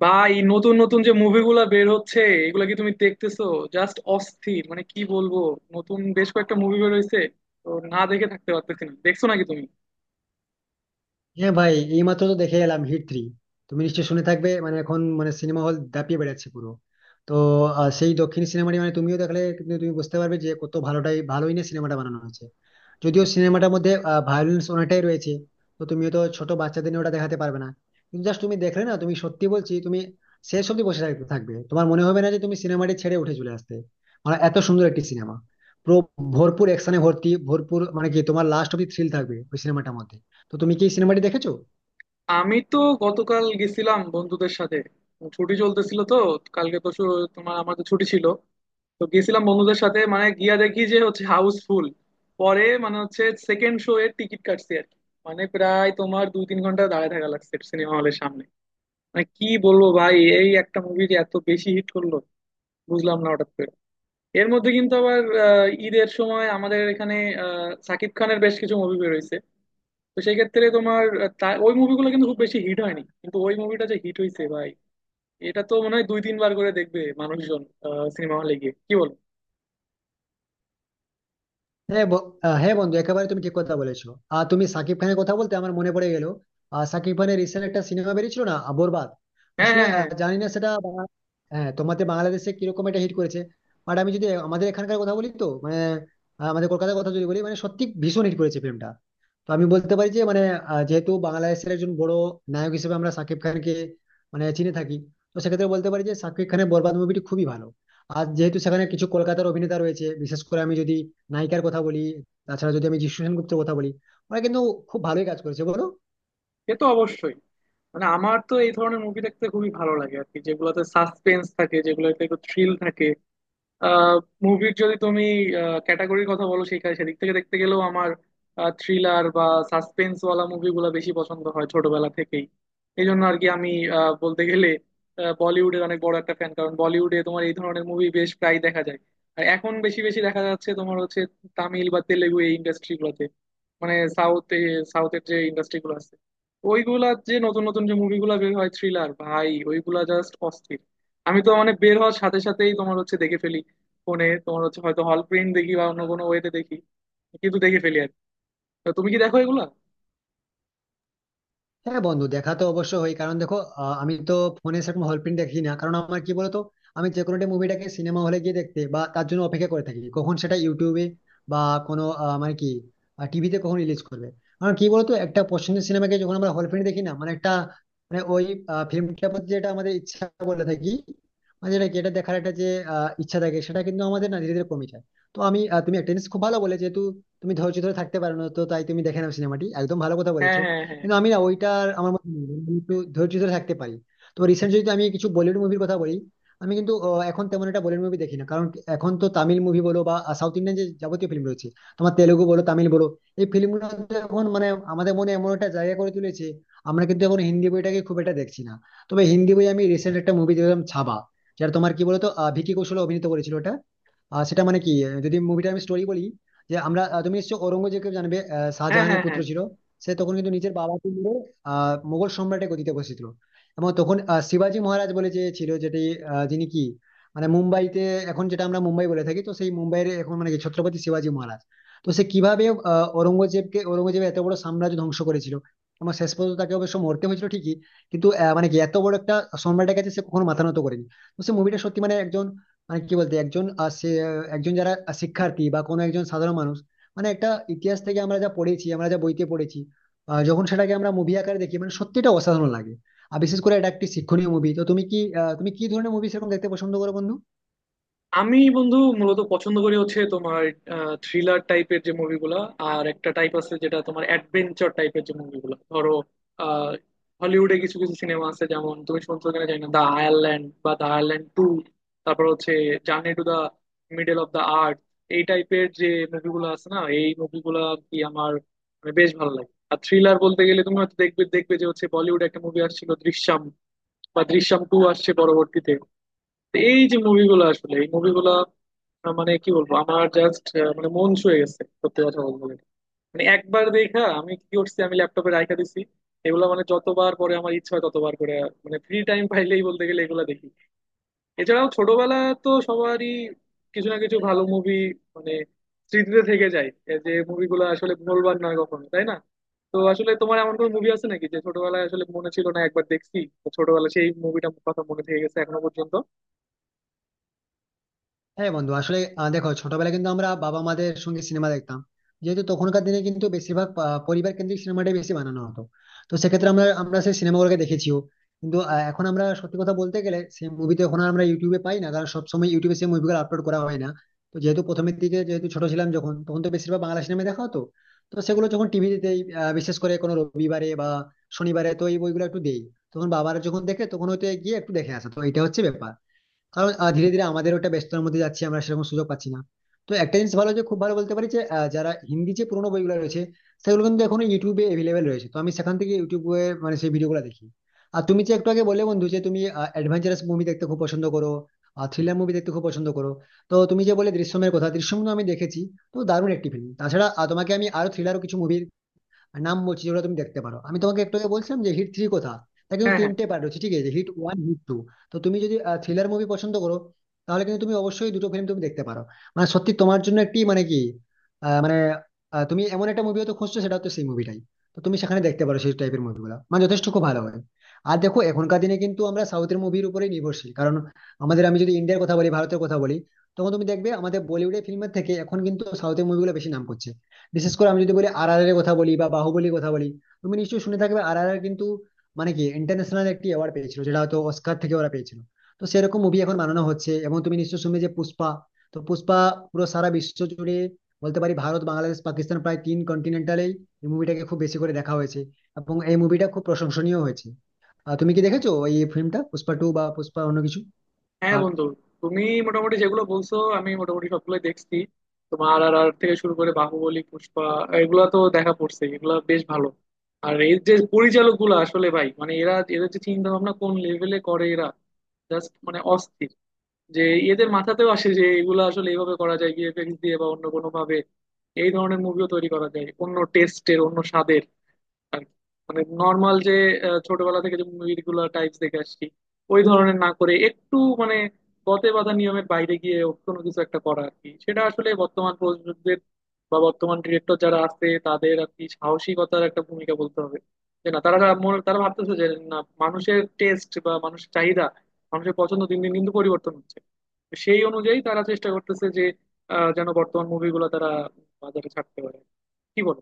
বা এই নতুন নতুন যে মুভিগুলা বের হচ্ছে, এগুলা কি তুমি দেখতেছো? জাস্ট অস্থির, কি বলবো। নতুন বেশ কয়েকটা মুভি বের হয়েছে, তো না দেখে থাকতে পারতেছি না। দেখছো নাকি তুমি? হ্যাঁ ভাই, এইমাত্র তো দেখে এলাম হিট থ্রি। তুমি নিশ্চয়ই শুনে থাকবে, মানে এখন মানে সিনেমা হল দাপিয়ে বেড়াচ্ছে পুরো। তো সেই দক্ষিণ সিনেমাটি, মানে তুমিও দেখলে কিন্তু তুমি বুঝতে পারবে যে কত ভালোটাই ভালোই না সিনেমাটা বানানো হয়েছে। যদিও সিনেমাটার মধ্যে ভায়োলেন্স অনেকটাই রয়েছে, তো তুমি তো ছোট বাচ্চাদের নিয়ে ওটা দেখাতে পারবে না। কিন্তু জাস্ট তুমি দেখলে না, তুমি সত্যি বলছি, তুমি শেষ অব্দি বসে থাকতে থাকবে, তোমার মনে হবে না যে তুমি সিনেমাটি ছেড়ে উঠে চলে আসতে। মানে এত সুন্দর একটি সিনেমা, পুরো ভরপুর অ্যাকশনে ভর্তি ভরপুর, মানে কি তোমার লাস্ট অব্দি থ্রিল থাকবে ওই সিনেমাটার মধ্যে। তো তুমি কি সিনেমাটি দেখেছো? আমি তো গতকাল গেছিলাম বন্ধুদের সাথে। ছুটি চলতেছিল তো, কালকে তো শু- তোমার আমাদের ছুটি ছিল। তো গেছিলাম বন্ধুদের সাথে, গিয়া দেখি যে হচ্ছে হাউসফুল। পরে মানে হচ্ছে সেকেন্ড শো এর টিকিট কাটছি আর কি। প্রায় তোমার দুই তিন ঘন্টা দাঁড়ায় থাকা লাগছে সিনেমা হলের সামনে। কি বলবো ভাই, এই একটা মুভি যে এত বেশি হিট করলো বুঝলাম না হঠাৎ করে। এর মধ্যে কিন্তু আবার ঈদের সময় আমাদের এখানে সাকিব খানের বেশ কিছু মুভি বেরোইছে। তো সেই ক্ষেত্রে তোমার ওই মুভিগুলো কিন্তু খুব বেশি হিট হয়নি, কিন্তু ওই মুভিটা যে হিট হয়েছে ভাই, এটা তো মনে হয় দুই তিনবার করে দেখবে মানুষজন সিনেমা হলে গিয়ে। কি বলো? হ্যাঁ ব- হ্যাঁ বন্ধু, একেবারে তুমি ঠিক কথা বলেছো। আর তুমি সাকিব খানের কথা বলতে আমার মনে পড়ে গেল, সাকিব খানের রিসেন্ট একটা সিনেমা বেরিয়েছিল না বরবাদ। হ্যাঁ, আসলে হ্যাঁ, হ্যাঁ। জানি না সেটা হ্যাঁ, তোমাদের বাংলাদেশে কিরকম এটা হিট করেছে, বাট আমি যদি আমাদের এখানকার কথা বলি তো মানে আমাদের কলকাতার কথা যদি বলি, মানে সত্যি ভীষণ হিট করেছে ফিল্মটা। তো আমি বলতে পারি যে মানে যেহেতু বাংলাদেশের একজন বড় নায়ক হিসেবে আমরা সাকিব খানকে মানে চিনে থাকি, তো সেক্ষেত্রে বলতে পারি যে সাকিব খানের বরবাদ মুভিটি খুবই ভালো। আর যেহেতু সেখানে কিছু কলকাতার অভিনেতা রয়েছে, বিশেষ করে আমি যদি নায়িকার কথা বলি, তাছাড়া যদি আমি যিশু সেনগুপ্তের কথা বলি, ওরা কিন্তু খুব ভালোই কাজ করেছে, বলো। সে তো অবশ্যই। আমার তো এই ধরনের মুভি দেখতে খুবই ভালো লাগে আর কি, যেগুলোতে সাসপেন্স থাকে, যেগুলোতে একটু থ্রিল থাকে। মুভির যদি তুমি ক্যাটাগরির কথা বলো, সেখানে সেদিক থেকে দেখতে গেলেও আমার থ্রিলার বা সাসপেন্স ওয়ালা মুভিগুলো বেশি পছন্দ হয় ছোটবেলা থেকেই। এই জন্য আর কি আমি বলতে গেলে বলিউডের অনেক বড় একটা ফ্যান, কারণ বলিউডে তোমার এই ধরনের মুভি বেশ প্রায় দেখা যায়। আর এখন বেশি বেশি দেখা যাচ্ছে তোমার হচ্ছে তামিল বা তেলেগু এই ইন্ডাস্ট্রি গুলোতে। মানে সাউথ সাউথের যে ইন্ডাস্ট্রি গুলো আছে, ওইগুলার যে নতুন নতুন যে মুভিগুলো বের হয় থ্রিলার, ভাই ওইগুলা জাস্ট অস্থির। আমি তো বের হওয়ার সাথে সাথেই তোমার হচ্ছে দেখে ফেলি। ফোনে তোমার হচ্ছে হয়তো হল প্রিন্ট দেখি বা অন্য কোনো ওয়েতে দেখি, কিন্তু দেখে ফেলি আর কি। তো তুমি কি দেখো এগুলা? হ্যাঁ বন্ধু, দেখা তো অবশ্য হয়, কারণ দেখো আমি তো ফোনে সেরকম হল প্রিন্ট দেখি না, কারণ আমার কি বলতো, আমি যে কোনো মুভিটাকে সিনেমা হলে গিয়ে দেখতে বা তার জন্য অপেক্ষা করে থাকি, কখন সেটা ইউটিউবে বা কোনো মানে কি টিভিতে কখন রিলিজ করবে। কারণ কি বলতো, একটা পছন্দের সিনেমাকে যখন আমরা হল প্রিন্ট দেখি না, মানে একটা মানে ওই ফিল্মটার প্রতি যেটা আমাদের ইচ্ছা বলে থাকি, মানে যেটা কি এটা দেখার একটা যে ইচ্ছা থাকে সেটা কিন্তু আমাদের না ধীরে ধীরে কমে যায়। তো আমি তুমি একটা জিনিস খুব ভালো বলে, যেহেতু তুমি ধৈর্য ধরে থাকতে পারো না তো তাই তুমি দেখে নাও সিনেমাটি, একদম ভালো কথা হ্যাঁ, বলেছো। হ্যাঁ, হ্যাঁ। কিন্তু আমি না ওইটা আমার মধ্যে নেই। আমি একটু ধৈর্য ধরে থাকতে পারি। তো রিসেন্ট যদি আমি কিছু বলিউড মুভির কথা বলি, আমি কিন্তু এখন তেমন একটা বলিউড মুভি দেখি না, কারণ এখন তো তামিল মুভি বলো বা সাউথ ইন্ডিয়ান যে যাবতীয় ফিল্ম রয়েছে, তোমার তেলুগু বলো তামিল বলো, এই ফিল্মগুলো এখন মানে আমাদের মনে এমন একটা জায়গা করে তুলেছে, আমরা কিন্তু এখন হিন্দি বইটাকে খুব একটা দেখছি না। তবে হিন্দি বই আমি রিসেন্ট একটা মুভি দেখলাম, ছাবা, যেটা তোমার কি বলতো ভিকি কৌশল অভিনীত করেছিল ওটা। সেটা মানে কি, যদি মুভিটা আমি স্টোরি বলি, যে আমরা তুমি নিশ্চয়ই ঔরঙ্গজেবকে জানবে, হ্যাঁ, শাহজাহানের হ্যাঁ, পুত্র হ্যাঁ। ছিল। সে তখন কিন্তু নিজের বাবাকে মেরে মোগল সম্রাটের গদিতে বসেছিল। এবং তখন শিবাজি মহারাজ বলে যে ছিল যেটি, যিনি কি, মানে মুম্বাইতে, এখন যেটা আমরা মুম্বাই বলে থাকি, তো সেই মুম্বাইয়ের এখন মানে কি ছত্রপতি শিবাজি মহারাজ। তো সে কিভাবে ঔরঙ্গজেবকে, ঔরঙ্গজেব এত বড় সাম্রাজ্য ধ্বংস করেছিল, এবং শেষ পর্যন্ত তাকে অবশ্য মরতে হয়েছিল ঠিকই, কিন্তু মানে কি এত বড় একটা সম্রাটের কাছে সে কখনো মাথা নত করেনি। তো সে মুভিটা সত্যি, মানে একজন, মানে কি বলতে একজন সে একজন, যারা শিক্ষার্থী বা কোনো একজন সাধারণ মানুষ, মানে একটা ইতিহাস থেকে আমরা যা পড়েছি, আমরা যা বইতে পড়েছি, যখন সেটাকে আমরা মুভি আকারে দেখি, মানে সত্যিটা অসাধারণ লাগে। আর বিশেষ করে এটা একটি শিক্ষণীয় মুভি। তো তুমি কি তুমি কি ধরনের মুভি সেরকম দেখতে পছন্দ করো বন্ধু? আমি বন্ধু মূলত পছন্দ করি হচ্ছে তোমার থ্রিলার টাইপের যে মুভিগুলা। আর একটা টাইপ আছে যেটা তোমার অ্যাডভেঞ্চার টাইপের যে মুভিগুলা, ধরো আহ, হলিউডে কিছু কিছু সিনেমা আছে, যেমন তুমি শুনছো কিনা জানি না, দা আয়ারল্যান্ড বা দা আয়ারল্যান্ড টু। তারপর হচ্ছে journey to the middle of the earth. এই টাইপের যে মুভিগুলো আছে না, এই মুভিগুলা কি আমার বেশ ভালো লাগে। আর থ্রিলার বলতে গেলে তুমি হয়তো দেখবে দেখবে যে হচ্ছে বলিউডে একটা মুভি আসছিল দৃশ্যম, বা দৃশ্যম টু আসছে পরবর্তীতে। এই যে মুভিগুলো আসলে, এই মুভিগুলা আহ, মানে কি বলবো, আমার জাস্ট মন ছুঁয়ে গেছে সত্যি কথা বলতে গেলে। একবার দেখা আমি কি করছি, আমি ল্যাপটপে রাখা দিছি। এগুলো যতবার পরে আমার ইচ্ছা হয় ততবার করে, ফ্রি টাইম পাইলেই বলতে গেলে এগুলা দেখি। এছাড়াও ছোটবেলা তো সবারই কিছু না কিছু ভালো মুভি মানে স্মৃতিতে থেকে যায়। এই যে মুভিগুলো আসলে ভুলবার নয় কখনো, তাই না? তো আসলে তোমার এমন কোনো মুভি আছে নাকি যে ছোটবেলায় আসলে মনে ছিল না একবার দেখছি, তো ছোটবেলায় সেই মুভিটা কথা মনে থেকে গেছে এখনো পর্যন্ত? হ্যাঁ বন্ধু, আসলে দেখো ছোটবেলায় কিন্তু আমরা বাবা মাদের সঙ্গে সিনেমা দেখতাম, যেহেতু তখনকার দিনে কিন্তু বেশিরভাগ পরিবার কেন্দ্রিক সিনেমাটাই বেশি বানানো হতো। তো সেক্ষেত্রে আমরা আমরা সেই সিনেমাগুলোকে দেখেছিও, কিন্তু এখন আমরা সত্যি কথা বলতে গেলে সেই মুভি তো এখন আর আমরা ইউটিউবে পাই না, কারণ সবসময় ইউটিউবে সেই মুভিগুলো আপলোড করা হয় না। তো যেহেতু প্রথমের দিকে যেহেতু ছোট ছিলাম, যখন তখন তো বেশিরভাগ বাংলা সিনেমা দেখা হতো। তো সেগুলো যখন টিভিতে, বিশেষ করে কোনো রবিবারে বা শনিবারে, তো এই বইগুলো একটু দেই, তখন বাবারা যখন দেখে তখন হয়তো গিয়ে একটু দেখে আসে, তো এটা হচ্ছে ব্যাপার। কারণ ধীরে ধীরে আমাদের ওটা ব্যস্ততার মধ্যে যাচ্ছি, আমরা সেরকম সুযোগ পাচ্ছি না। তো একটা জিনিস ভালো, যে খুব ভালো বলতে পারি যে যারা হিন্দি যে পুরোনো বইগুলো রয়েছে, সেগুলো কিন্তু এখনো ইউটিউবে অ্যাভেলেবেল রয়েছে। তো আমি সেখান থেকে ইউটিউবে মানে সেই ভিডিওগুলো দেখি। আর তুমি যে একটু আগে বলে বন্ধু যে তুমি অ্যাডভেঞ্চারাস মুভি দেখতে খুব পছন্দ করো, আর থ্রিলার মুভি দেখতে খুব পছন্দ করো। তো তুমি যে বলে দৃশ্যমের কথা, দৃশ্যম আমি দেখেছি, তো দারুণ একটি ফিল্ম। তাছাড়া তোমাকে আমি আরো থ্রিলারও কিছু মুভি নাম বলছি, যেগুলো তুমি দেখতে পারো। আমি তোমাকে একটু আগে বলছিলাম যে হিট থ্রি কথা, তা কিন্তু হ্যাঁ, হ্যাঁ, তিনটে পার্ট রয়েছে, ঠিক আছে, হিট ওয়ান, হিট টু। তো তুমি যদি থ্রিলার মুভি পছন্দ করো, তাহলে কিন্তু তুমি অবশ্যই দুটো ফিল্ম তুমি দেখতে পারো, মানে সত্যি তোমার জন্য একটি, মানে কি আহ, মানে তুমি এমন একটা মুভি হয়তো খুঁজছো, সেটা হচ্ছে সেই মুভিটাই। তো তুমি সেখানে দেখতে পারো সেই টাইপের মুভিগুলো, মানে যথেষ্ট খুব ভালো হয়। আর দেখো এখনকার দিনে কিন্তু আমরা সাউথের মুভির উপরেই নির্ভরশীল, কারণ আমাদের, আমি যদি ইন্ডিয়ার কথা বলি ভারতের কথা বলি, তখন তুমি দেখবে আমাদের বলিউডের ফিল্মের থেকে এখন কিন্তু সাউথের মুভিগুলো বেশি নাম করছে। বিশেষ করে আমি যদি বলি আর আর এর কথা বলি বা বাহুবলীর কথা বলি, তুমি নিশ্চয়ই শুনে থাকবে আর আর আর কিন্তু মানে কি ইন্টারন্যাশনাল একটি অ্যাওয়ার্ড পেয়েছিল, যেটা হয়তো অস্কার থেকে ওরা পেয়েছিল। তো সেরকম মুভি এখন বানানো হচ্ছে, এবং তুমি নিশ্চয়ই শুনবে যে পুষ্পা। তো পুষ্পা পুরো সারা বিশ্ব জুড়ে, বলতে পারি ভারত, বাংলাদেশ, পাকিস্তান প্রায় তিন কন্টিনেন্টালেই এই মুভিটাকে খুব বেশি করে দেখা হয়েছে, এবং এই মুভিটা খুব প্রশংসনীয় হয়েছে। তুমি কি দেখেছো এই ফিল্মটা, পুষ্পা টু বা পুষ্পা অন্য কিছু হ্যাঁ। পার্ট? বন্ধু তুমি মোটামুটি যেগুলো বলছো আমি মোটামুটি সবগুলোই দেখছি। তোমার আর আর থেকে শুরু করে বাহুবলী, পুষ্পা, এগুলা তো দেখা পড়ছে। এগুলা বেশ ভালো। আর এই যে পরিচালক গুলো আসলে ভাই, এরা এদের যে চিন্তা ভাবনা কোন লেভেলে করে এরা, জাস্ট অস্থির যে এদের মাথাতেও আসে যে এগুলো আসলে এইভাবে করা যায় ভিএফএক্স দিয়ে বা অন্য কোনো ভাবে। এই ধরনের মুভিও তৈরি করা যায় অন্য টেস্টের অন্য স্বাদের আর কি। নর্মাল যে ছোটবেলা থেকে যে মুভিগুলো টাইপস দেখে আসছি ওই ধরনের না করে একটু মানে গতে বাঁধা নিয়মের বাইরে গিয়ে কোনো কিছু একটা করা আর কি, সেটা আসলে বর্তমান প্রযোজকদের বা বর্তমান ডিরেক্টর যারা আছে তাদের আর কি সাহসিকতার একটা ভূমিকা বলতে হবে। যে না, তারা তারা ভাবতেছে যে না, মানুষের টেস্ট বা মানুষের চাহিদা, মানুষের পছন্দ দিন দিন কিন্তু পরিবর্তন হচ্ছে। তো সেই অনুযায়ী তারা চেষ্টা করতেছে যে যেন বর্তমান মুভিগুলো তারা বাজারে ছাড়তে পারে। কি বলো?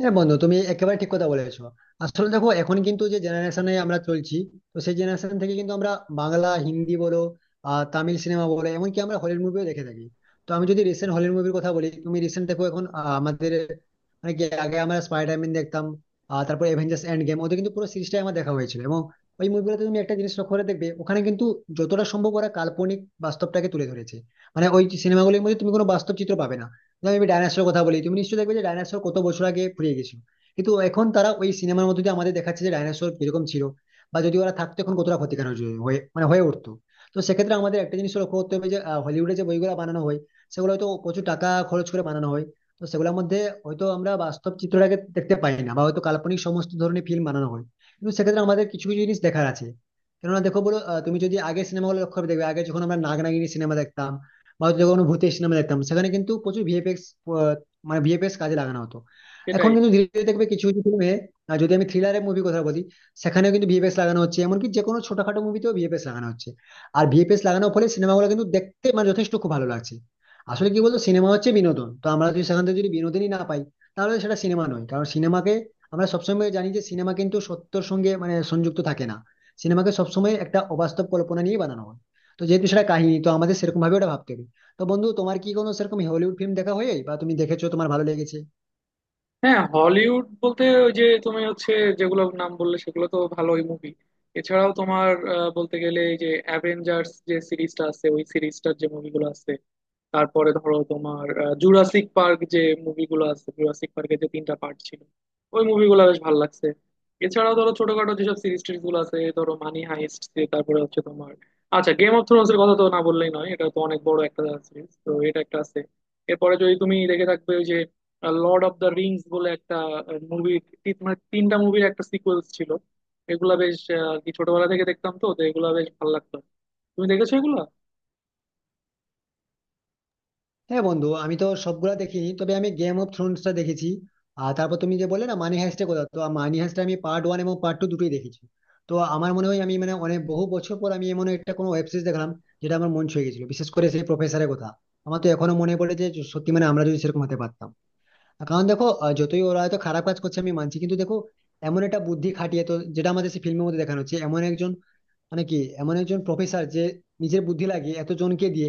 হ্যাঁ বন্ধু, তুমি একেবারে ঠিক কথা বলেছো। আসলে দেখো এখন কিন্তু যে জেনারেশনে আমরা চলছি, তো সেই জেনারেশন থেকে কিন্তু আমরা বাংলা হিন্দি বলো, তামিল সিনেমা বলো, এমনকি আমরা হলিউড মুভিও দেখে থাকি। তো আমি যদি রিসেন্ট হলিউড মুভির কথা বলি, তুমি রিসেন্ট দেখো এখন আমাদের, মানে কি আগে আমরা স্পাইডারম্যান দেখতাম, তারপর অ্যাভেঞ্জার্স এন্ড গেম, ওদের কিন্তু পুরো সিরিজটাই আমার দেখা হয়েছিল। এবং ওই মুভিগুলোতে তুমি একটা জিনিস লক্ষ্য করে দেখবে, ওখানে কিন্তু যতটা সম্ভব ওরা কাল্পনিক বাস্তবটাকে তুলে ধরেছে, মানে ওই সিনেমাগুলির মধ্যে তুমি কোনো বাস্তব চিত্র পাবে না। যেমন আমি ডাইনোসরের কথা বলি, তুমি নিশ্চয়ই দেখবে যে ডাইনোসর কত বছর আগে ফুরিয়ে গেছিল, কিন্তু এখন তারা ওই সিনেমার মধ্যে দিয়ে আমাদের দেখাচ্ছে যে ডাইনোসর কিরকম ছিল বা যদি ওরা থাকতো এখন কতটা ক্ষতিকারক হয়ে হয়ে- মানে হয়ে উঠতো। তো সেক্ষেত্রে আমাদের একটা জিনিস লক্ষ্য করতে হবে যে হলিউডে যে বইগুলো বানানো হয়, সেগুলো হয়তো প্রচুর টাকা খরচ করে বানানো হয়। তো সেগুলোর মধ্যে হয়তো আমরা বাস্তব চিত্রটাকে দেখতে পাই না, বা হয়তো কাল্পনিক সমস্ত ধরনের ফিল্ম বানানো হয়। কিন্তু সেক্ষেত্রে আমাদের কিছু কিছু জিনিস দেখার আছে। কেননা দেখো বলো তুমি যদি আগে সিনেমাগুলো লক্ষ্য করে দেখবে, আগে যখন আমরা নাগ নাগিনী সিনেমা দেখতাম বা হয়তো কোনো ভূতের সিনেমা দেখতাম, সেখানে কিন্তু প্রচুর ভিএফএক্স, মানে ভিএফএক্স কাজে লাগানো হতো। সেটাই। এখন কিন্তু ধীরে ধীরে দেখবে কিছু কিছু ফিল্মে, যদি আমি থ্রিলারের মুভি কথা বলি, সেখানেও কিন্তু ভিএফএক্স লাগানো হচ্ছে, এমনকি যে কোনো ছোটখাটো মুভিতেও ভিএফএক্স লাগানো হচ্ছে। আর ভিএফএক্স লাগানোর ফলে সিনেমাগুলো কিন্তু দেখতে মানে যথেষ্ট খুব ভালো লাগছে। আসলে কি বলতো, সিনেমা হচ্ছে বিনোদন, তো আমরা যদি সেখান থেকে যদি বিনোদনই না পাই, তাহলে সেটা সিনেমা নয়। কারণ সিনেমাকে আমরা সবসময় জানি যে সিনেমা কিন্তু সত্যর সঙ্গে মানে সংযুক্ত থাকে না, সিনেমাকে সবসময় একটা অবাস্তব কল্পনা নিয়ে বানানো হয়। তো যেহেতু সেটা কাহিনী, তো আমাদের সেরকম ভাবে ওটা ভাবতে হবে। তো বন্ধু, তোমার কি কোনো সেরকম হলিউড ফিল্ম দেখা হয় বা তুমি দেখেছো, তোমার ভালো লেগেছে? হ্যাঁ, হলিউড বলতে ওই যে তুমি হচ্ছে যেগুলো নাম বললে সেগুলো তো ভালোই মুভি। এছাড়াও তোমার বলতে গেলে এই যে অ্যাভেঞ্জার্স যে সিরিজটা আছে ওই সিরিজটার যে মুভিগুলো আছে, তারপরে ধরো তোমার জুরাসিক পার্ক যে মুভিগুলো আছে, জুরাসিক পার্কের যে তিনটা পার্ট ছিল, ওই মুভিগুলো বেশ ভালো লাগছে। এছাড়াও ধরো ছোটখাটো যেসব সিরিজ টিরিজ গুলো আছে, এই ধরো মানি হাইস্ট। তারপরে হচ্ছে তোমার, আচ্ছা গেম অফ থ্রোনস এর কথা তো না বললেই নয়, এটা তো অনেক বড় একটা সিরিজ, তো এটা একটা আছে। এরপরে যদি তুমি দেখে থাকবে ওই যে লর্ড অফ দ্য রিংস বলে একটা মুভি, তিনটা মুভির একটা সিকোয়েলস ছিল। এগুলা বেশ আর কি ছোটবেলা থেকে দেখতাম তো, তো এগুলা বেশ ভালো লাগতো। তুমি দেখেছো এগুলা? হ্যাঁ বন্ধু, আমি তো সবগুলা দেখিনি, তবে আমি গেম অফ থ্রোনসটা দেখেছি। আর তারপর তুমি যে বললে না মানি হাইস্টের কথা, তো মানি হাইস্টটা আমি পার্ট ওয়ান এবং পার্ট টু দুটোই দেখেছি। তো আমার মনে হয় আমি মানে অনেক বহু বছর পর আমি এমন একটা কোনো ওয়েব সিরিজ দেখলাম যেটা আমার মন ছুঁয়ে গেছিল, বিশেষ করে সেই প্রফেসরের কথা আমার তো এখনো মনে পড়ে, যে সত্যি, মানে আমরা যদি সেরকম হতে পারতাম। কারণ দেখো যতই ওরা হয়তো খারাপ কাজ করছে আমি মানছি, কিন্তু দেখো এমন একটা বুদ্ধি খাটিয়ে, তো যেটা আমাদের সেই ফিল্মের মধ্যে দেখানো হচ্ছে, এমন একজন, মানে কি, এমন একজন প্রফেসর যে নিজের বুদ্ধি লাগিয়ে এত জনকে দিয়ে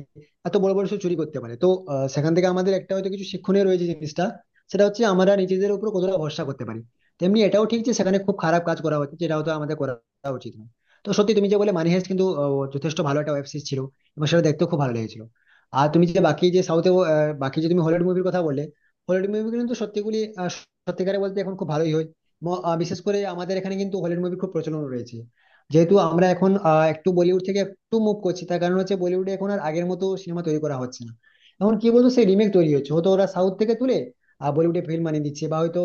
এত বড় বড় সে চুরি করতে পারে। তো সেখান থেকে আমাদের একটা হয়তো কিছু শিক্ষণীয় রয়েছে জিনিসটা, সেটা হচ্ছে আমরা নিজেদের উপর কতটা ভরসা করতে পারি। তেমনি এটাও ঠিক যে সেখানে খুব খারাপ কাজ করা হচ্ছে, যেটা হয়তো আমাদের করা উচিত না। তো সত্যি তুমি যে বলে মানি হাইস্ট কিন্তু যথেষ্ট ভালো একটা ওয়েব সিরিজ ছিল, এবং সেটা দেখতেও খুব ভালো লেগেছিল। আর তুমি যে বাকি যে সাউথে, বাকি যে তুমি হলিউড মুভির কথা বললে, হলিউড মুভি কিন্তু সত্যিগুলি সত্যিকারে বলতে এখন খুব ভালোই হয়। এবং, বিশেষ করে আমাদের এখানে কিন্তু হলিউড মুভি খুব প্রচলন রয়েছে, যেহেতু আমরা এখন একটু বলিউড থেকে একটু মুভ করছি, তার কারণ হচ্ছে বলিউডে এখন আর আগের মতো সিনেমা তৈরি করা হচ্ছে না। এখন কি বলতো, সেই রিমেক তৈরি হচ্ছে, হয়তো ওরা সাউথ থেকে তুলে বলিউডে ফিল্ম বানিয়ে দিচ্ছে, বা হয়তো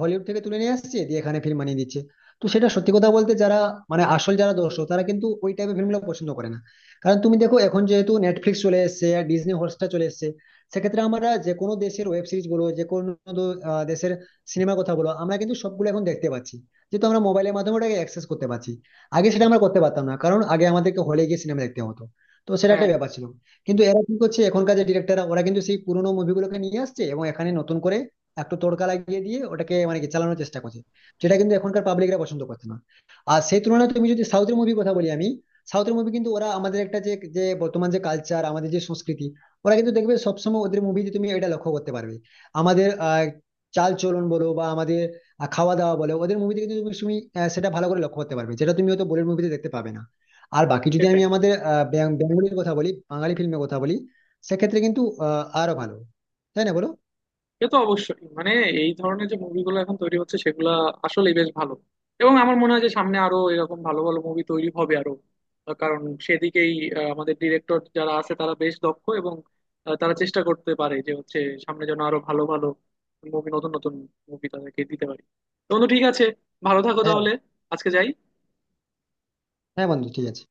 হলিউড থেকে তুলে নিয়ে আসছে দিয়ে এখানে ফিল্ম বানিয়ে দিচ্ছে। তো সেটা সত্যি কথা বলতে, যারা মানে আসল যারা দর্শক তারা কিন্তু ওই টাইপের ফিল্মগুলো পছন্দ করে না। কারণ তুমি দেখো এখন যেহেতু নেটফ্লিক্স চলে এসেছে আর ডিজনি হটস্টার চলে এসেছে, সেক্ষেত্রে আমরা যে কোনো দেশের ওয়েব সিরিজ বলো, যে কোনো দেশের সিনেমার কথা বলো, আমরা কিন্তু সবগুলো এখন দেখতে পাচ্ছি, যেহেতু আমরা মোবাইলের মাধ্যমে ওটাকে অ্যাক্সেস করতে পারছি। আগে সেটা আমরা করতে পারতাম না, কারণ আগে আমাদেরকে হলে গিয়ে সিনেমা দেখতে হতো, তো সেটা হ্যাঁ। একটা ব্যাপার ছিল। কিন্তু এরা কি করছে এখনকার যে ডিরেক্টররা, ওরা কিন্তু সেই পুরোনো মুভিগুলোকে নিয়ে আসছে এবং এখানে নতুন করে একটু তড়কা লাগিয়ে দিয়ে ওটাকে মানে কি চালানোর চেষ্টা করছে, যেটা কিন্তু এখনকার পাবলিকরা পছন্দ করছে না। আর সেই তুলনায় তুমি যদি সাউথের মুভি কথা বলি আমি, সাউথের মুভি কিন্তু ওরা আমাদের একটা যে, যে বর্তমান যে কালচার আমাদের যে সংস্কৃতি, ওরা কিন্তু দেখবে সবসময় ওদের মুভিতে, তুমি এটা লক্ষ্য করতে পারবে আমাদের চাল চলন বলো বা আমাদের আর খাওয়া দাওয়া বলো, ওদের মুভিতে কিন্তু তুমি তুমি, আহ, সেটা ভালো করে লক্ষ্য করতে পারবে, যেটা তুমি হয়তো বলিউড মুভিতে দেখতে পাবে না। আর বাকি যদি আমি সেটাই। আমাদের বেঙ্গলির কথা বলি, বাঙালি ফিল্মের কথা বলি, সেক্ষেত্রে কিন্তু আরো ভালো, তাই না বলো? সে তো অবশ্যই। এই ধরনের যে মুভিগুলো এখন তৈরি হচ্ছে সেগুলা আসলে বেশ ভালো। এবং আমার মনে হয় যে সামনে আরো এরকম ভালো ভালো মুভি তৈরি হবে আরো কারণ সেদিকেই আমাদের ডিরেক্টর যারা আছে তারা বেশ দক্ষ, এবং তারা চেষ্টা করতে পারে যে হচ্ছে সামনে যেন আরো ভালো ভালো মুভি, নতুন নতুন মুভি তাদেরকে দিতে পারি। তো বন্ধু ঠিক আছে, ভালো থাকো হ্যাঁ তাহলে। আজকে যাই। হ্যাঁ বন্ধু, ঠিক আছে।